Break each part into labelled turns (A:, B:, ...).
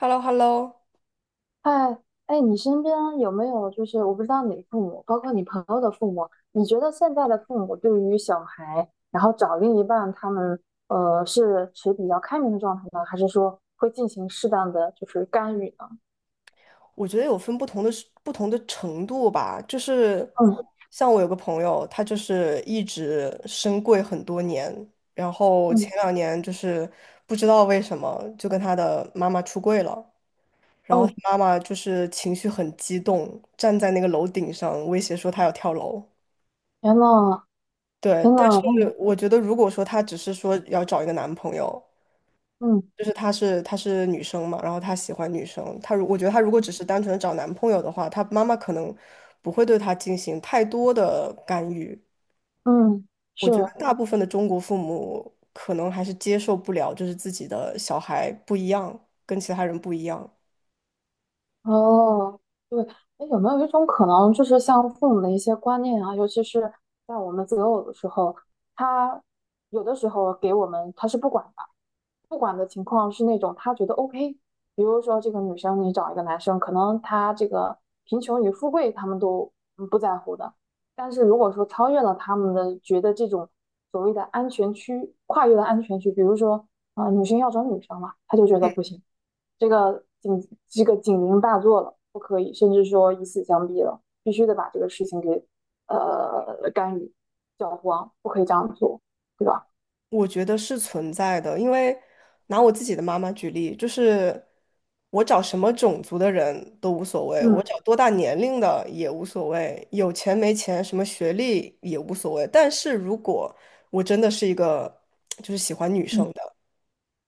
A: h e l l o h e l l o。
B: 哎哎，你身边有没有就是我不知道你的父母，包括你朋友的父母，你觉得现在的父母对于小孩，然后找另一半，他们是持比较开明的状态呢，还是说会进行适当的就是干预呢？
A: 我觉得有分不同的程度吧，就是
B: 嗯
A: 像我有个朋友，他就是一直升柜很多年，然后前
B: 嗯。
A: 两年就是不知道为什么就跟他的妈妈出柜了，然后他
B: 哦，
A: 妈妈就是情绪很激动，站在那个楼顶上威胁说他要跳楼。
B: 天呐
A: 对，
B: 天
A: 但
B: 呐，
A: 是
B: 嗯
A: 我觉得如果说他只是说要找一个男朋友，
B: 嗯
A: 就是她是女生嘛，然后她喜欢女生，我觉得她如果只是单纯的找男朋友的话，她妈妈可能不会对她进行太多的干预。
B: 嗯，
A: 我
B: 是。
A: 觉得大部分的中国父母可能还是接受不了，就是自己的小孩不一样，跟其他人不一样。
B: 哦，对。哎，有没有一种可能，就是像父母的一些观念啊，尤其是在我们择偶的时候，他有的时候给我们他是不管的，不管的情况是那种他觉得 OK，比如说这个女生你找一个男生，可能他这个贫穷与富贵他们都不在乎的，但是如果说超越了他们的觉得这种所谓的安全区，跨越了安全区，比如说啊、女生要找女生了，他就觉得不行。这个警这个警铃大作了，不可以，甚至说以死相逼了，必须得把这个事情给干预、搅黄，不可以这样做，对吧？
A: 我觉得是存在的，因为拿我自己的妈妈举例，就是我找什么种族的人都无所谓，我
B: 嗯
A: 找多大年龄的也无所谓，有钱没钱，什么学历也无所谓。但是如果我真的是一个就是喜欢女生的，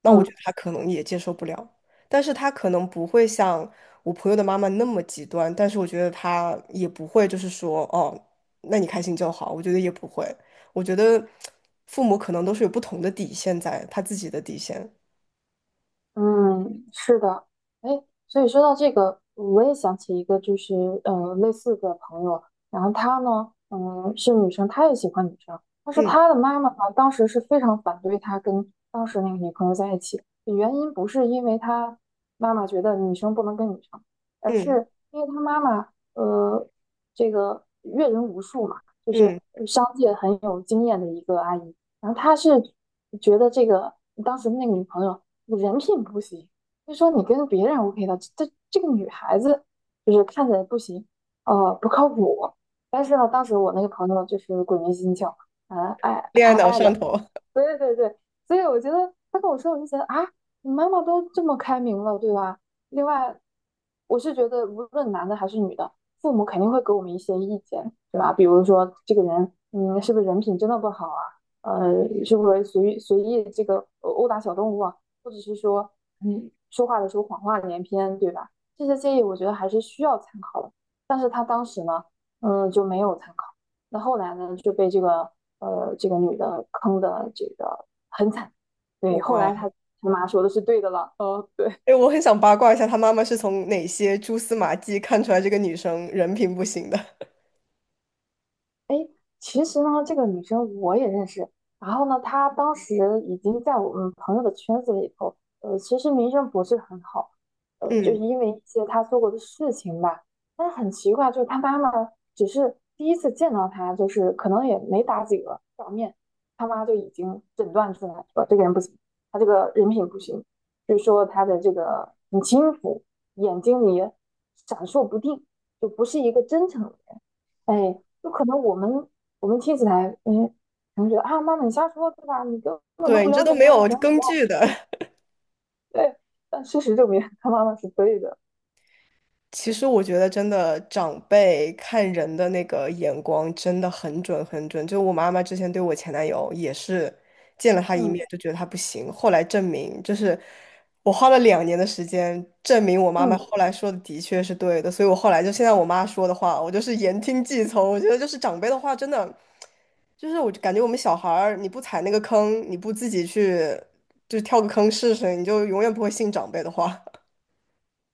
A: 那我觉
B: 嗯，
A: 得他可能也接受不了，但是他可能不会像我朋友的妈妈那么极端，但是我觉得他也不会就是说哦，那你开心就好，我觉得也不会，我觉得父母可能都是有不同的底线在，他自己的底线。
B: 嗯，是的。哎，所以说到这个，我也想起一个，就是类似的朋友。然后她呢，是女生，她也喜欢女生，但是
A: 嗯
B: 她的妈妈呢，当时是非常反对她跟当时那个女朋友在一起，原因不是因为她妈妈觉得女生不能跟女生，而
A: 嗯
B: 是因为她妈妈，呃，这个阅人无数嘛，就是
A: 嗯，
B: 商界很有经验的一个阿姨，然后他是觉得这个当时那个女朋友人品不行，就说你跟别人 OK 的，这个女孩子就是看起来不行，不靠谱。但是呢，当时我那个朋友就是鬼迷心窍，
A: 恋爱
B: 太
A: 脑
B: 爱
A: 上
B: 了。
A: 头。
B: 对对对，所以我觉得他跟我说，我就觉得啊，你妈妈都这么开明了，对吧？另外，我是觉得无论男的还是女的，父母肯定会给我们一些意见，对吧？比如说这个人，是不是人品真的不好啊？呃，是不是随意随意这个殴打小动物啊？或者是说，说话的时候谎话连篇，对吧？这些建议我觉得还是需要参考的，但是他当时呢，就没有参考。那后来呢，就被这个这个女的坑的这个很惨。对，后
A: 哇！
B: 来他妈说的是对的了。哦，对。
A: 哎，我很想八卦一下，他妈妈是从哪些蛛丝马迹看出来这个女生人品不行的？
B: 诶，其实呢，这个女生我也认识。然后呢，她当时已经在我们朋友的圈子里头，其实名声不是很好，就是
A: 嗯，
B: 因为一些她做过的事情吧。但是很奇怪，就是她妈妈只是第一次见到她，就是可能也没打几个照面，她妈就已经诊断出来说这个人不行，她这个人品不行，就是说她的这个很轻浮，眼睛里闪烁不定，就不是一个真诚。哎，就可能我们听起来，可能觉得啊，妈妈你瞎说对吧？你根本都
A: 对
B: 不
A: 你这
B: 了
A: 都
B: 解
A: 没
B: 他，
A: 有
B: 怎样怎
A: 根
B: 样。
A: 据的。
B: 对，但事实证明他妈妈是对的。
A: 其实我觉得真的长辈看人的那个眼光真的很准很准。就我妈妈之前对我前男友也是见了他一面就
B: 嗯
A: 觉得他不行，后来证明就是我花了两年的时间证明我妈妈后
B: 嗯。
A: 来说的的确是对的，所以我后来就现在我妈说的话，我就是言听计从。我觉得就是长辈的话真的就是我感觉我们小孩儿你不踩那个坑，你不自己去就跳个坑试试，你就永远不会信长辈的话。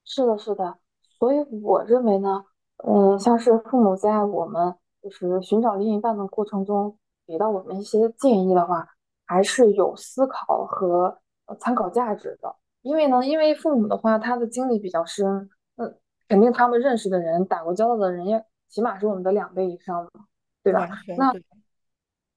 B: 是的，是的，所以我认为呢，像是父母在我们就是寻找另一半的过程中，给到我们一些建议的话，还是有思考和参考价值的。因为父母的话，他的经历比较深，那肯定他们认识的人、打过交道的人也起码是我们的两倍以上嘛，对吧？
A: 完全
B: 那
A: 对，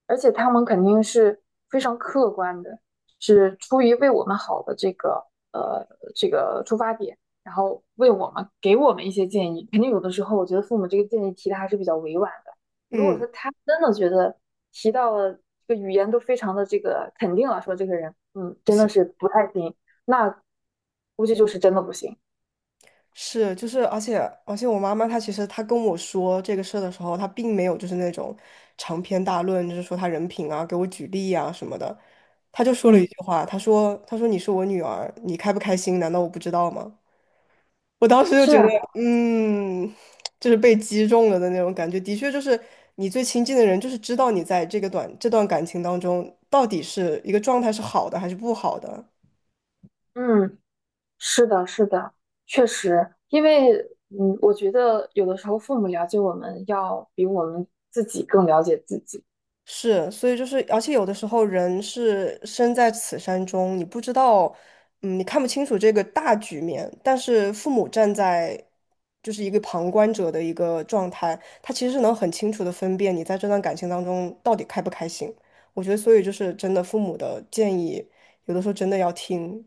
B: 而且他们肯定是非常客观的，是出于为我们好的呃这个出发点。然后为我们给我们一些建议。肯定有的时候，我觉得父母这个建议提的还是比较委婉的。如果
A: 嗯。
B: 说他真的觉得提到了这个语言都非常的这个肯定了，说这个人，
A: 不
B: 真的
A: 行。
B: 是不太行，那估计就是真的不行。
A: 是，就是，而且，我妈妈她其实她跟我说这个事儿的时候，她并没有就是那种长篇大论，就是说她人品啊，给我举例啊什么的，她就说了一
B: 嗯，
A: 句话，她说你是我女儿，你开不开心，难道我不知道吗？我当时就
B: 是
A: 觉
B: 啊。
A: 得，嗯，就是被击中了的那种感觉，的确就是你最亲近的人，就是知道你在这个短这段感情当中到底是一个状态是好的还是不好的。
B: 嗯，是的，是的，确实。因为我觉得有的时候父母了解我们要比我们自己更了解自己。
A: 是，所以就是，而且有的时候人是身在此山中，你不知道，你看不清楚这个大局面，但是父母站在就是一个旁观者的一个状态，他其实是能很清楚的分辨你在这段感情当中到底开不开心。我觉得，所以就是真的父母的建议，有的时候真的要听。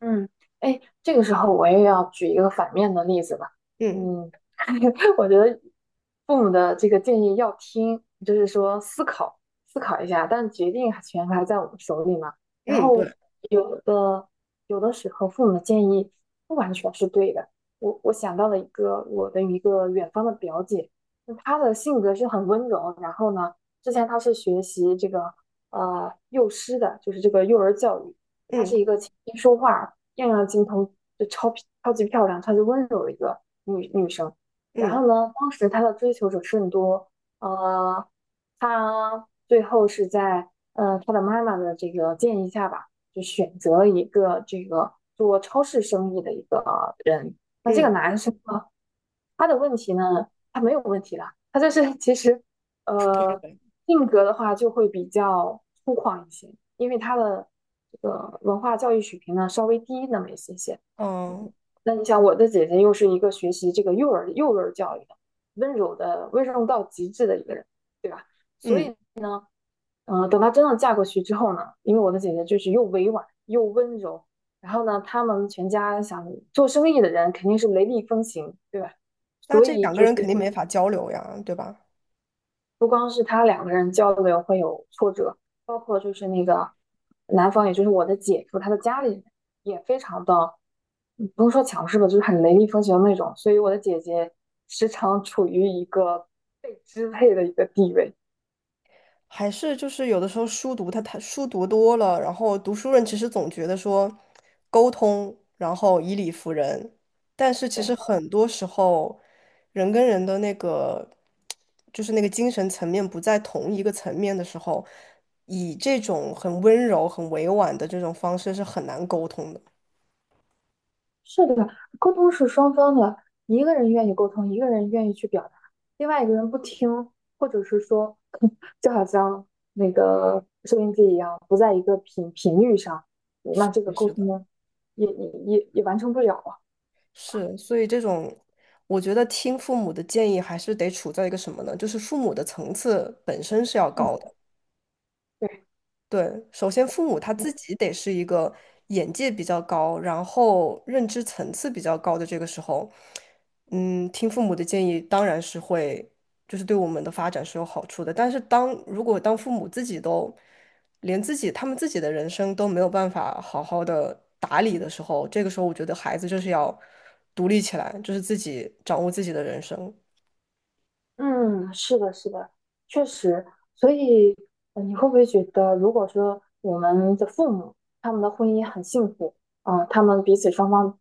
B: 嗯。哎，这个时候我也要举一个反面的例子吧。
A: 嗯
B: 嗯，我觉得父母的这个建议要听，就是说思考思考一下，但决定权还在我们手里嘛。然
A: 嗯，对，
B: 后有的有的时候父母的建议不完全是对的。我想到了一个我的一个远方的表姐，那她的性格是很温柔，然后呢，之前她是学习这个幼师的，就是这个幼儿教育。她
A: 嗯
B: 是一个琴棋书画样样精通，就超级漂亮、超级温柔的一个女生。然
A: 嗯
B: 后呢，当时她的追求者甚多，呃，她最后是在她的妈妈的这个建议下吧，就选择了一个这个做超市生意的一个人。那这个
A: 嗯
B: 男生他的问题呢，他没有问题的，他就是其实，呃，性格的话就会比较粗犷一些，因为他的这个文化教育水平呢稍微低那么一些些。嗯
A: 嗯
B: 那你想，我的姐姐又是一个学习这个幼儿教育的，温柔到极致的一个人，对吧？所
A: 嗯，
B: 以。嗯，等她真的嫁过去之后呢，因为我的姐姐就是又委婉又温柔，然后呢，他们全家想做生意的人肯定是雷厉风行，对吧？
A: 那
B: 所
A: 这
B: 以
A: 两个
B: 就是
A: 人肯定没
B: 会
A: 法交流呀，对吧？
B: 不光是他两个人交流会有挫折，包括就是那个男方，也就是我的姐夫，他的家里人也非常的，不用说强势吧，就是很雷厉风行的那种。所以我的姐姐时常处于一个被支配的一个地位。
A: 还是就是有的时候书读他他书读多了，然后读书人其实总觉得说沟通，然后以理服人，但是其实
B: 对。
A: 很多时候人跟人的那个就是那个精神层面不在同一个层面的时候，以这种很温柔、很委婉的这种方式是很难沟通的。
B: 是的，沟通是双方的，一个人愿意沟通，一个人愿意去表达，另外一个人不听，或者是说，就好像那个收音机一样，不在一个频率上，
A: 是
B: 那这个
A: 的，是
B: 沟通
A: 的，
B: 呢也完成不了啊。
A: 是，所以这种，我觉得听父母的建议还是得处在一个什么呢？就是父母的层次本身是要
B: 嗯，
A: 高的。
B: 对。
A: 对，首先父母他自己得是一个眼界比较高，然后认知层次比较高的这个时候，听父母的建议当然是会，就是对我们的发展是有好处的。但是当如果当父母自己都连自己他们自己的人生都没有办法好好的打理的时候，这个时候我觉得孩子就是要独立起来，就是自己掌握自己的人生，
B: 嗯，是的，是的，确实。所以，你会不会觉得，如果说我们的父母他们的婚姻很幸福，他们彼此双方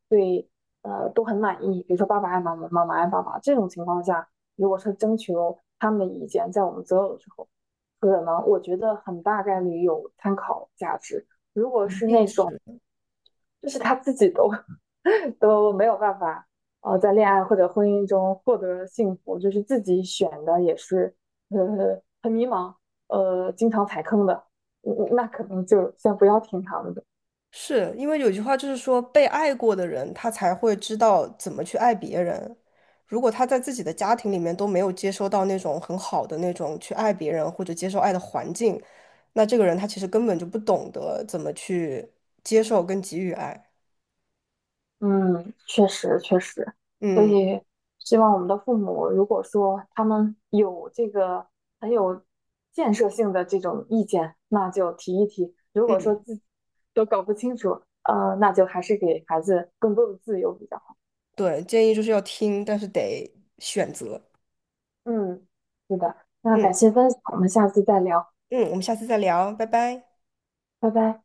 B: 都很满意，比如说爸爸爱妈妈，妈妈爱爸爸这种情况下，如果是征求他们的意见，在我们择偶的时候，可能我觉得很大概率有参考价值。如果
A: 一
B: 是
A: 定
B: 那种
A: 是。
B: 就是他自己都 都没有办法在恋爱或者婚姻中获得幸福，就是自己选的也是很迷茫，经常踩坑的，那可能就先不要听他们的。
A: 是因为有句话就是说，被爱过的人，他才会知道怎么去爱别人。如果他在自己的家庭里面都没有接收到那种很好的那种去爱别人或者接受爱的环境，那这个人他其实根本就不懂得怎么去接受跟给予爱。
B: 嗯，确实确实，所
A: 嗯
B: 以希望我们的父母，如果说他们有这个很有建设性的这种意见，那就提一提；如果说
A: 嗯，
B: 自己都搞不清楚，那就还是给孩子更多的自由比较好。
A: 对，建议就是要听，但是得选择。
B: 嗯，是的，那
A: 嗯
B: 感谢分享，我们下次再聊，
A: 嗯，我们下次再聊，拜拜。
B: 拜拜。